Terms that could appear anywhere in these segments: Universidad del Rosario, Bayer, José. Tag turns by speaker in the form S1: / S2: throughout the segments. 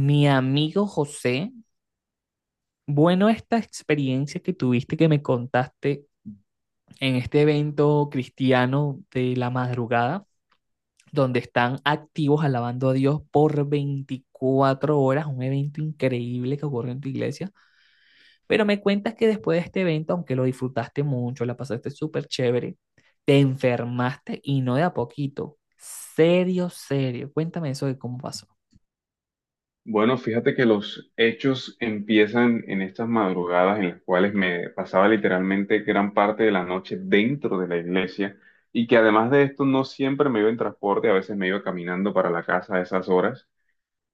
S1: Mi amigo José, bueno, esta experiencia que tuviste que me contaste en este evento cristiano de la madrugada, donde están activos alabando a Dios por 24 horas, un evento increíble que ocurre en tu iglesia, pero me cuentas que después de este evento, aunque lo disfrutaste mucho, la pasaste súper chévere, te enfermaste y no de a poquito. Serio, serio. Cuéntame eso de cómo pasó.
S2: Bueno, fíjate que los hechos empiezan en estas madrugadas en las cuales me pasaba literalmente gran parte de la noche dentro de la iglesia y que además de esto no siempre me iba en transporte, a veces me iba caminando para la casa a esas horas.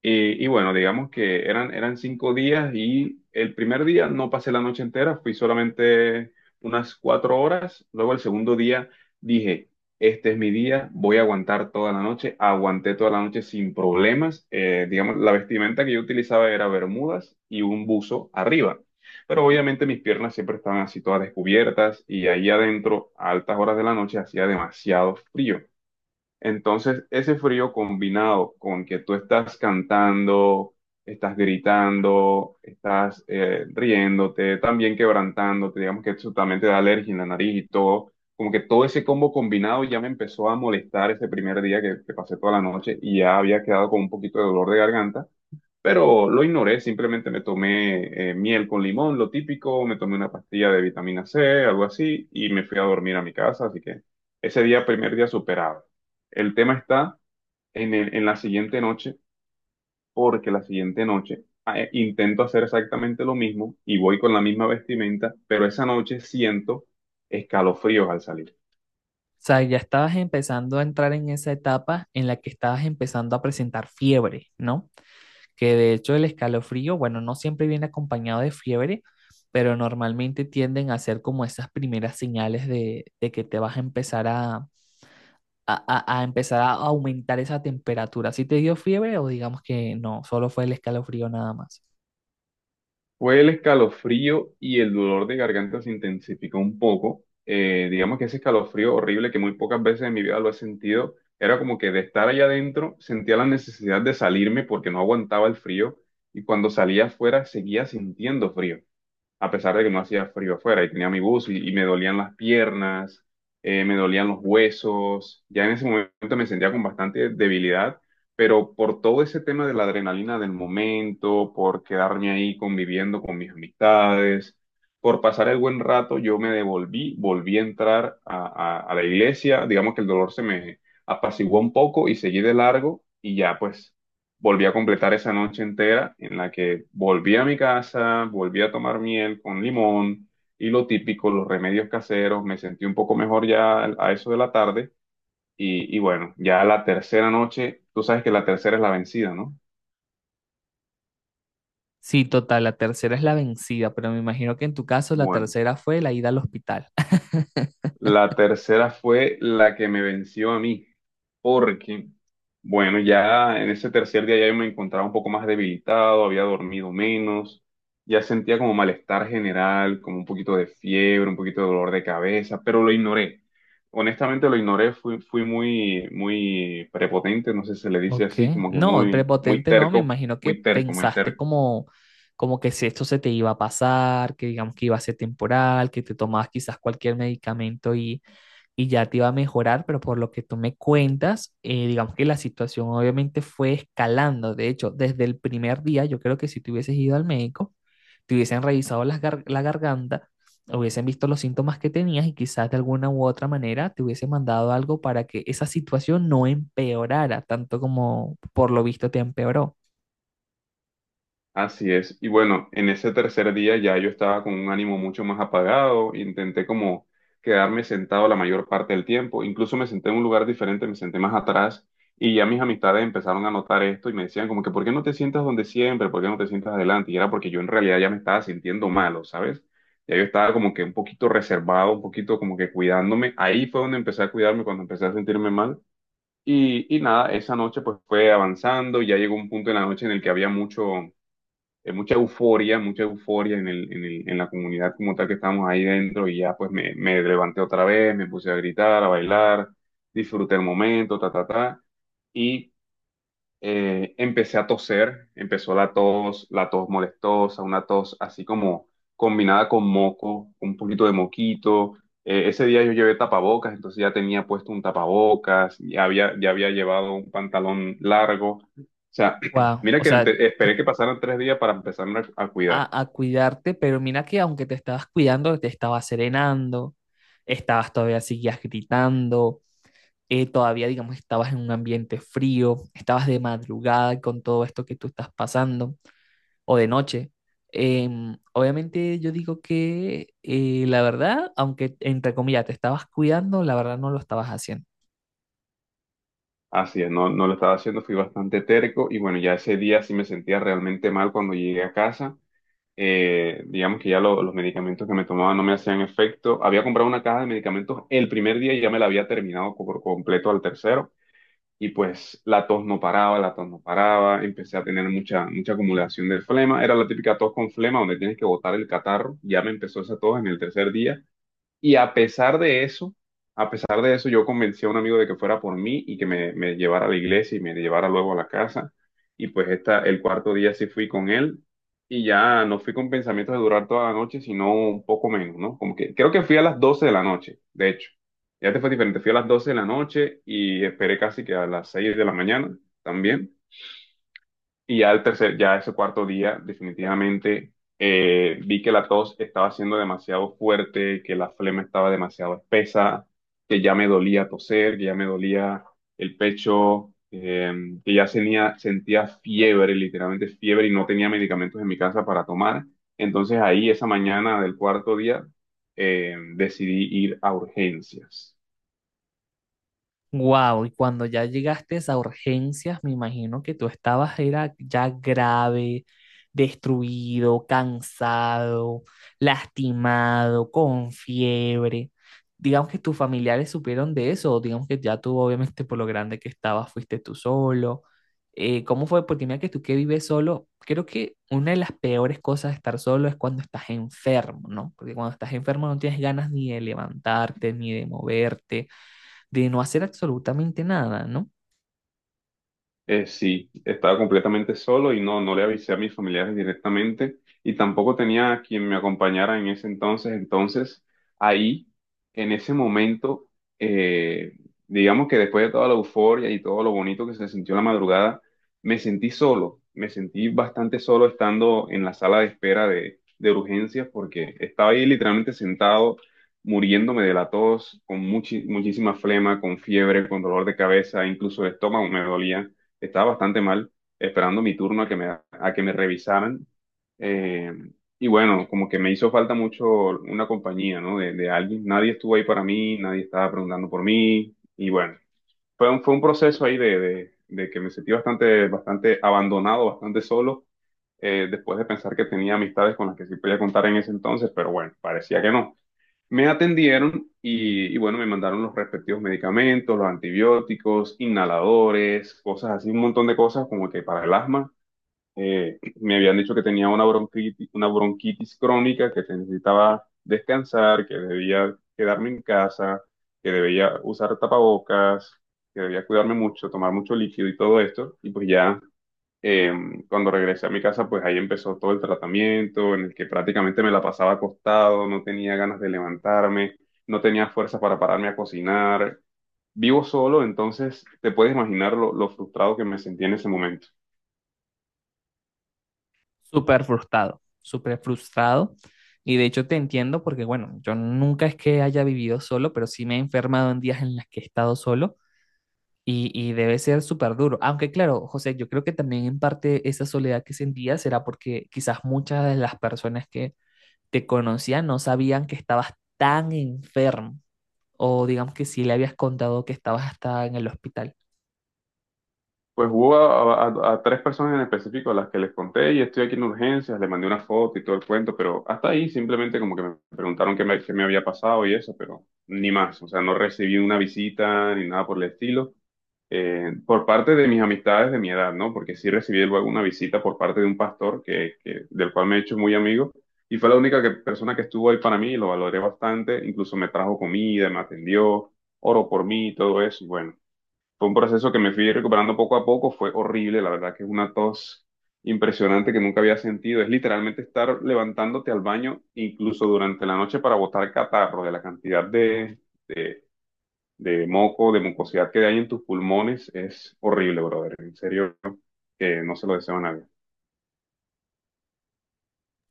S2: Y bueno, digamos que eran 5 días y el primer día no pasé la noche entera, fui solamente unas 4 horas. Luego el segundo día dije, este es mi día, voy a aguantar toda la noche. Aguanté toda la noche sin problemas. Digamos, la vestimenta que yo utilizaba era bermudas y un buzo arriba. Pero obviamente mis piernas siempre estaban así todas descubiertas y ahí adentro, a altas horas de la noche, hacía demasiado frío. Entonces, ese frío combinado con que tú estás cantando, estás gritando, estás riéndote, también quebrantándote, digamos que eso también te da alergia en la nariz y todo, como que todo ese combo combinado ya me empezó a molestar ese primer día que pasé toda la noche y ya había quedado con un poquito de dolor de garganta, pero lo ignoré, simplemente me tomé miel con limón, lo típico, me tomé una pastilla de vitamina C, algo así, y me fui a dormir a mi casa, así que ese día, primer día superado. El tema está en la siguiente noche, porque la siguiente noche intento hacer exactamente lo mismo y voy con la misma vestimenta, pero esa noche siento escalofríos al salir.
S1: Sea, ya estabas empezando a entrar en esa etapa en la que estabas empezando a presentar fiebre, ¿no? Que de hecho el escalofrío, bueno, no siempre viene acompañado de fiebre, pero normalmente tienden a ser como esas primeras señales de que te vas a empezar a empezar a aumentar esa temperatura. ¿Si te dio fiebre o digamos que no, solo fue el escalofrío nada más?
S2: Fue el escalofrío y el dolor de garganta se intensificó un poco. Digamos que ese escalofrío horrible que muy pocas veces en mi vida lo he sentido, era como que de estar allá adentro sentía la necesidad de salirme porque no aguantaba el frío, y cuando salía afuera seguía sintiendo frío a pesar de que no hacía frío afuera y tenía mi buzo y me dolían las piernas, me dolían los huesos, ya en ese momento me sentía con bastante debilidad, pero por todo ese tema de la adrenalina del momento, por quedarme ahí conviviendo con mis amistades, por pasar el buen rato, yo me devolví, volví a entrar a la iglesia, digamos que el dolor se me apaciguó un poco y seguí de largo y ya pues volví a completar esa noche entera en la que volví a mi casa, volví a tomar miel con limón y lo típico, los remedios caseros, me sentí un poco mejor ya a eso de la tarde y bueno, ya la tercera noche, tú sabes que la tercera es la vencida, ¿no?
S1: Sí, total, la tercera es la vencida, pero me imagino que en tu caso la
S2: Bueno,
S1: tercera fue la ida al hospital.
S2: la tercera fue la que me venció a mí, porque, bueno, ya en ese tercer día ya yo me encontraba un poco más debilitado, había dormido menos, ya sentía como malestar general, como un poquito de fiebre, un poquito de dolor de cabeza, pero lo ignoré. Honestamente lo ignoré, fui muy, muy prepotente, no sé si se le dice
S1: Ok,
S2: así, como que
S1: no,
S2: muy, muy
S1: prepotente no, me
S2: terco,
S1: imagino que
S2: muy terco, muy
S1: pensaste
S2: terco.
S1: como, como que si esto se te iba a pasar, que digamos que iba a ser temporal, que te tomabas quizás cualquier medicamento y ya te iba a mejorar, pero por lo que tú me cuentas, digamos que la situación obviamente fue escalando. De hecho, desde el primer día, yo creo que si te hubieses ido al médico, te hubiesen revisado las la garganta, hubiesen visto los síntomas que tenías y quizás de alguna u otra manera te hubiesen mandado algo para que esa situación no empeorara, tanto como por lo visto te empeoró.
S2: Así es. Y bueno, en ese tercer día ya yo estaba con un ánimo mucho más apagado, intenté como quedarme sentado la mayor parte del tiempo, incluso me senté en un lugar diferente, me senté más atrás y ya mis amistades empezaron a notar esto y me decían como que, ¿por qué no te sientas donde siempre? ¿Por qué no te sientas adelante? Y era porque yo en realidad ya me estaba sintiendo malo, ¿sabes? Ya yo estaba como que un poquito reservado, un poquito como que cuidándome. Ahí fue donde empecé a cuidarme, cuando empecé a sentirme mal. Y nada, esa noche pues fue avanzando, ya llegó un punto en la noche en el que había mucho mucha euforia en la comunidad como tal que estábamos ahí dentro y ya pues me levanté otra vez, me puse a gritar, a bailar, disfruté el momento, ta, ta, ta. Y empecé a toser, empezó la tos molestosa, una tos así como combinada con moco, un poquito de moquito. Ese día yo llevé tapabocas, entonces ya tenía puesto un tapabocas, ya había llevado un pantalón largo. O sea,
S1: Wow,
S2: mira
S1: o sea,
S2: esperé que pasaran 3 días para empezarme a cuidar.
S1: a cuidarte, pero mira que aunque te estabas cuidando, te estabas serenando, estabas todavía seguías gritando. Eh, todavía, digamos, estabas en un ambiente frío, estabas de madrugada con todo esto que tú estás pasando. O de noche. Obviamente yo digo que la verdad, aunque entre comillas te estabas cuidando, la verdad no lo estabas haciendo.
S2: Así es, no, no lo estaba haciendo, fui bastante terco y bueno, ya ese día sí me sentía realmente mal cuando llegué a casa. Eh, digamos que los medicamentos que me tomaba no me hacían efecto. Había comprado una caja de medicamentos el primer día y ya me la había terminado por completo al tercero. Y pues la tos no paraba, la tos no paraba, empecé a tener mucha, mucha acumulación de flema. Era la típica tos con flema donde tienes que botar el catarro. Ya me empezó esa tos en el tercer día. Y a pesar de eso, a pesar de eso, yo convencí a un amigo de que fuera por mí y que me llevara a la iglesia y me llevara luego a la casa. Y pues esta, el cuarto día sí fui con él y ya no fui con pensamientos de durar toda la noche, sino un poco menos, ¿no? Como que creo que fui a las 12 de la noche, de hecho. Ya te fue diferente, fui a las 12 de la noche y esperé casi que a las 6 de la mañana también. Y ya el tercer, ya ese cuarto día, definitivamente vi que la tos estaba siendo demasiado fuerte, que la flema estaba demasiado espesa, que ya me dolía toser, que ya me dolía el pecho, que ya tenía, sentía fiebre, literalmente fiebre, y no tenía medicamentos en mi casa para tomar. Entonces ahí, esa mañana del cuarto día, decidí ir a urgencias.
S1: Wow, y cuando ya llegaste a urgencias, me imagino que tú estabas era ya grave, destruido, cansado, lastimado, con fiebre. Digamos que tus familiares supieron de eso, o digamos que ya tú, obviamente, por lo grande que estabas, fuiste tú solo. ¿Cómo fue? Porque mira que tú que vives solo, creo que una de las peores cosas de estar solo es cuando estás enfermo, ¿no? Porque cuando estás enfermo no tienes ganas ni de levantarte, ni de moverte de no hacer absolutamente nada, ¿no?
S2: Sí, estaba completamente solo y no, no le avisé a mis familiares directamente y tampoco tenía a quien me acompañara en ese entonces. Entonces, ahí, en ese momento, eh, digamos que después de toda la euforia y todo lo bonito que se sintió la madrugada, me sentí solo, me sentí bastante solo estando en la sala de espera de urgencias porque estaba ahí literalmente sentado, muriéndome de la tos, con muchísima flema, con fiebre, con dolor de cabeza, incluso el estómago me dolía. Estaba bastante mal esperando mi turno a que me revisaran. Eh, y bueno, como que me hizo falta mucho una compañía, ¿no? De alguien. Nadie estuvo ahí para mí, nadie estaba preguntando por mí. Y bueno, fue un proceso ahí de que me sentí bastante, bastante abandonado, bastante solo, después de pensar que tenía amistades con las que sí podía contar en ese entonces, pero bueno, parecía que no. Me atendieron y bueno, me mandaron los respectivos medicamentos, los antibióticos, inhaladores, cosas así, un montón de cosas como que para el asma. Me habían dicho que tenía una bronquitis crónica, que necesitaba descansar, que debía quedarme en casa, que debía usar tapabocas, que debía cuidarme mucho, tomar mucho líquido y todo esto. Y pues ya eh, cuando regresé a mi casa, pues ahí empezó todo el tratamiento en el que prácticamente me la pasaba acostado, no tenía ganas de levantarme, no tenía fuerza para pararme a cocinar. Vivo solo, entonces te puedes imaginar lo frustrado que me sentí en ese momento.
S1: Súper frustrado, súper frustrado. Y de hecho te entiendo porque, bueno, yo nunca es que haya vivido solo, pero sí me he enfermado en días en las que he estado solo y debe ser súper duro. Aunque claro, José, yo creo que también en parte esa soledad que sentía será porque quizás muchas de las personas que te conocían no sabían que estabas tan enfermo o digamos que sí le habías contado que estabas hasta en el hospital.
S2: Pues hubo a tres personas en específico a las que les conté y estoy aquí en urgencias, les mandé una foto y todo el cuento, pero hasta ahí simplemente como que me preguntaron qué me había pasado y eso, pero ni más, o sea, no recibí una visita ni nada por el estilo, por parte de mis amistades de mi edad, ¿no? Porque sí recibí luego una visita por parte de un pastor del cual me he hecho muy amigo y fue la única persona que estuvo ahí para mí, y lo valoré bastante, incluso me trajo comida, me atendió, oró por mí y todo eso, y bueno. Fue un proceso que me fui recuperando poco a poco, fue horrible, la verdad que es una tos impresionante que nunca había sentido. Es literalmente estar levantándote al baño, incluso durante la noche, para botar catarro de la cantidad de, de moco, de mucosidad que hay en tus pulmones. Es horrible, brother. En serio, que no se lo deseo a nadie.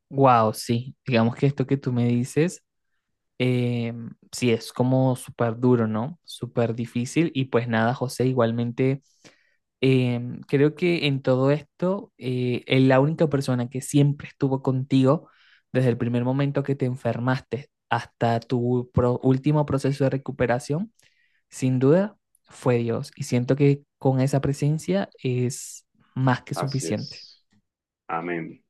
S1: Wow, sí, digamos que esto que tú me dices. Eh, sí, es como súper duro, ¿no? Súper difícil. Y pues nada, José, igualmente creo que en todo esto, la única persona que siempre estuvo contigo desde el primer momento que te enfermaste hasta tu último proceso de recuperación, sin duda, fue Dios. Y siento que con esa presencia es más que
S2: Así
S1: suficiente.
S2: es. Amén.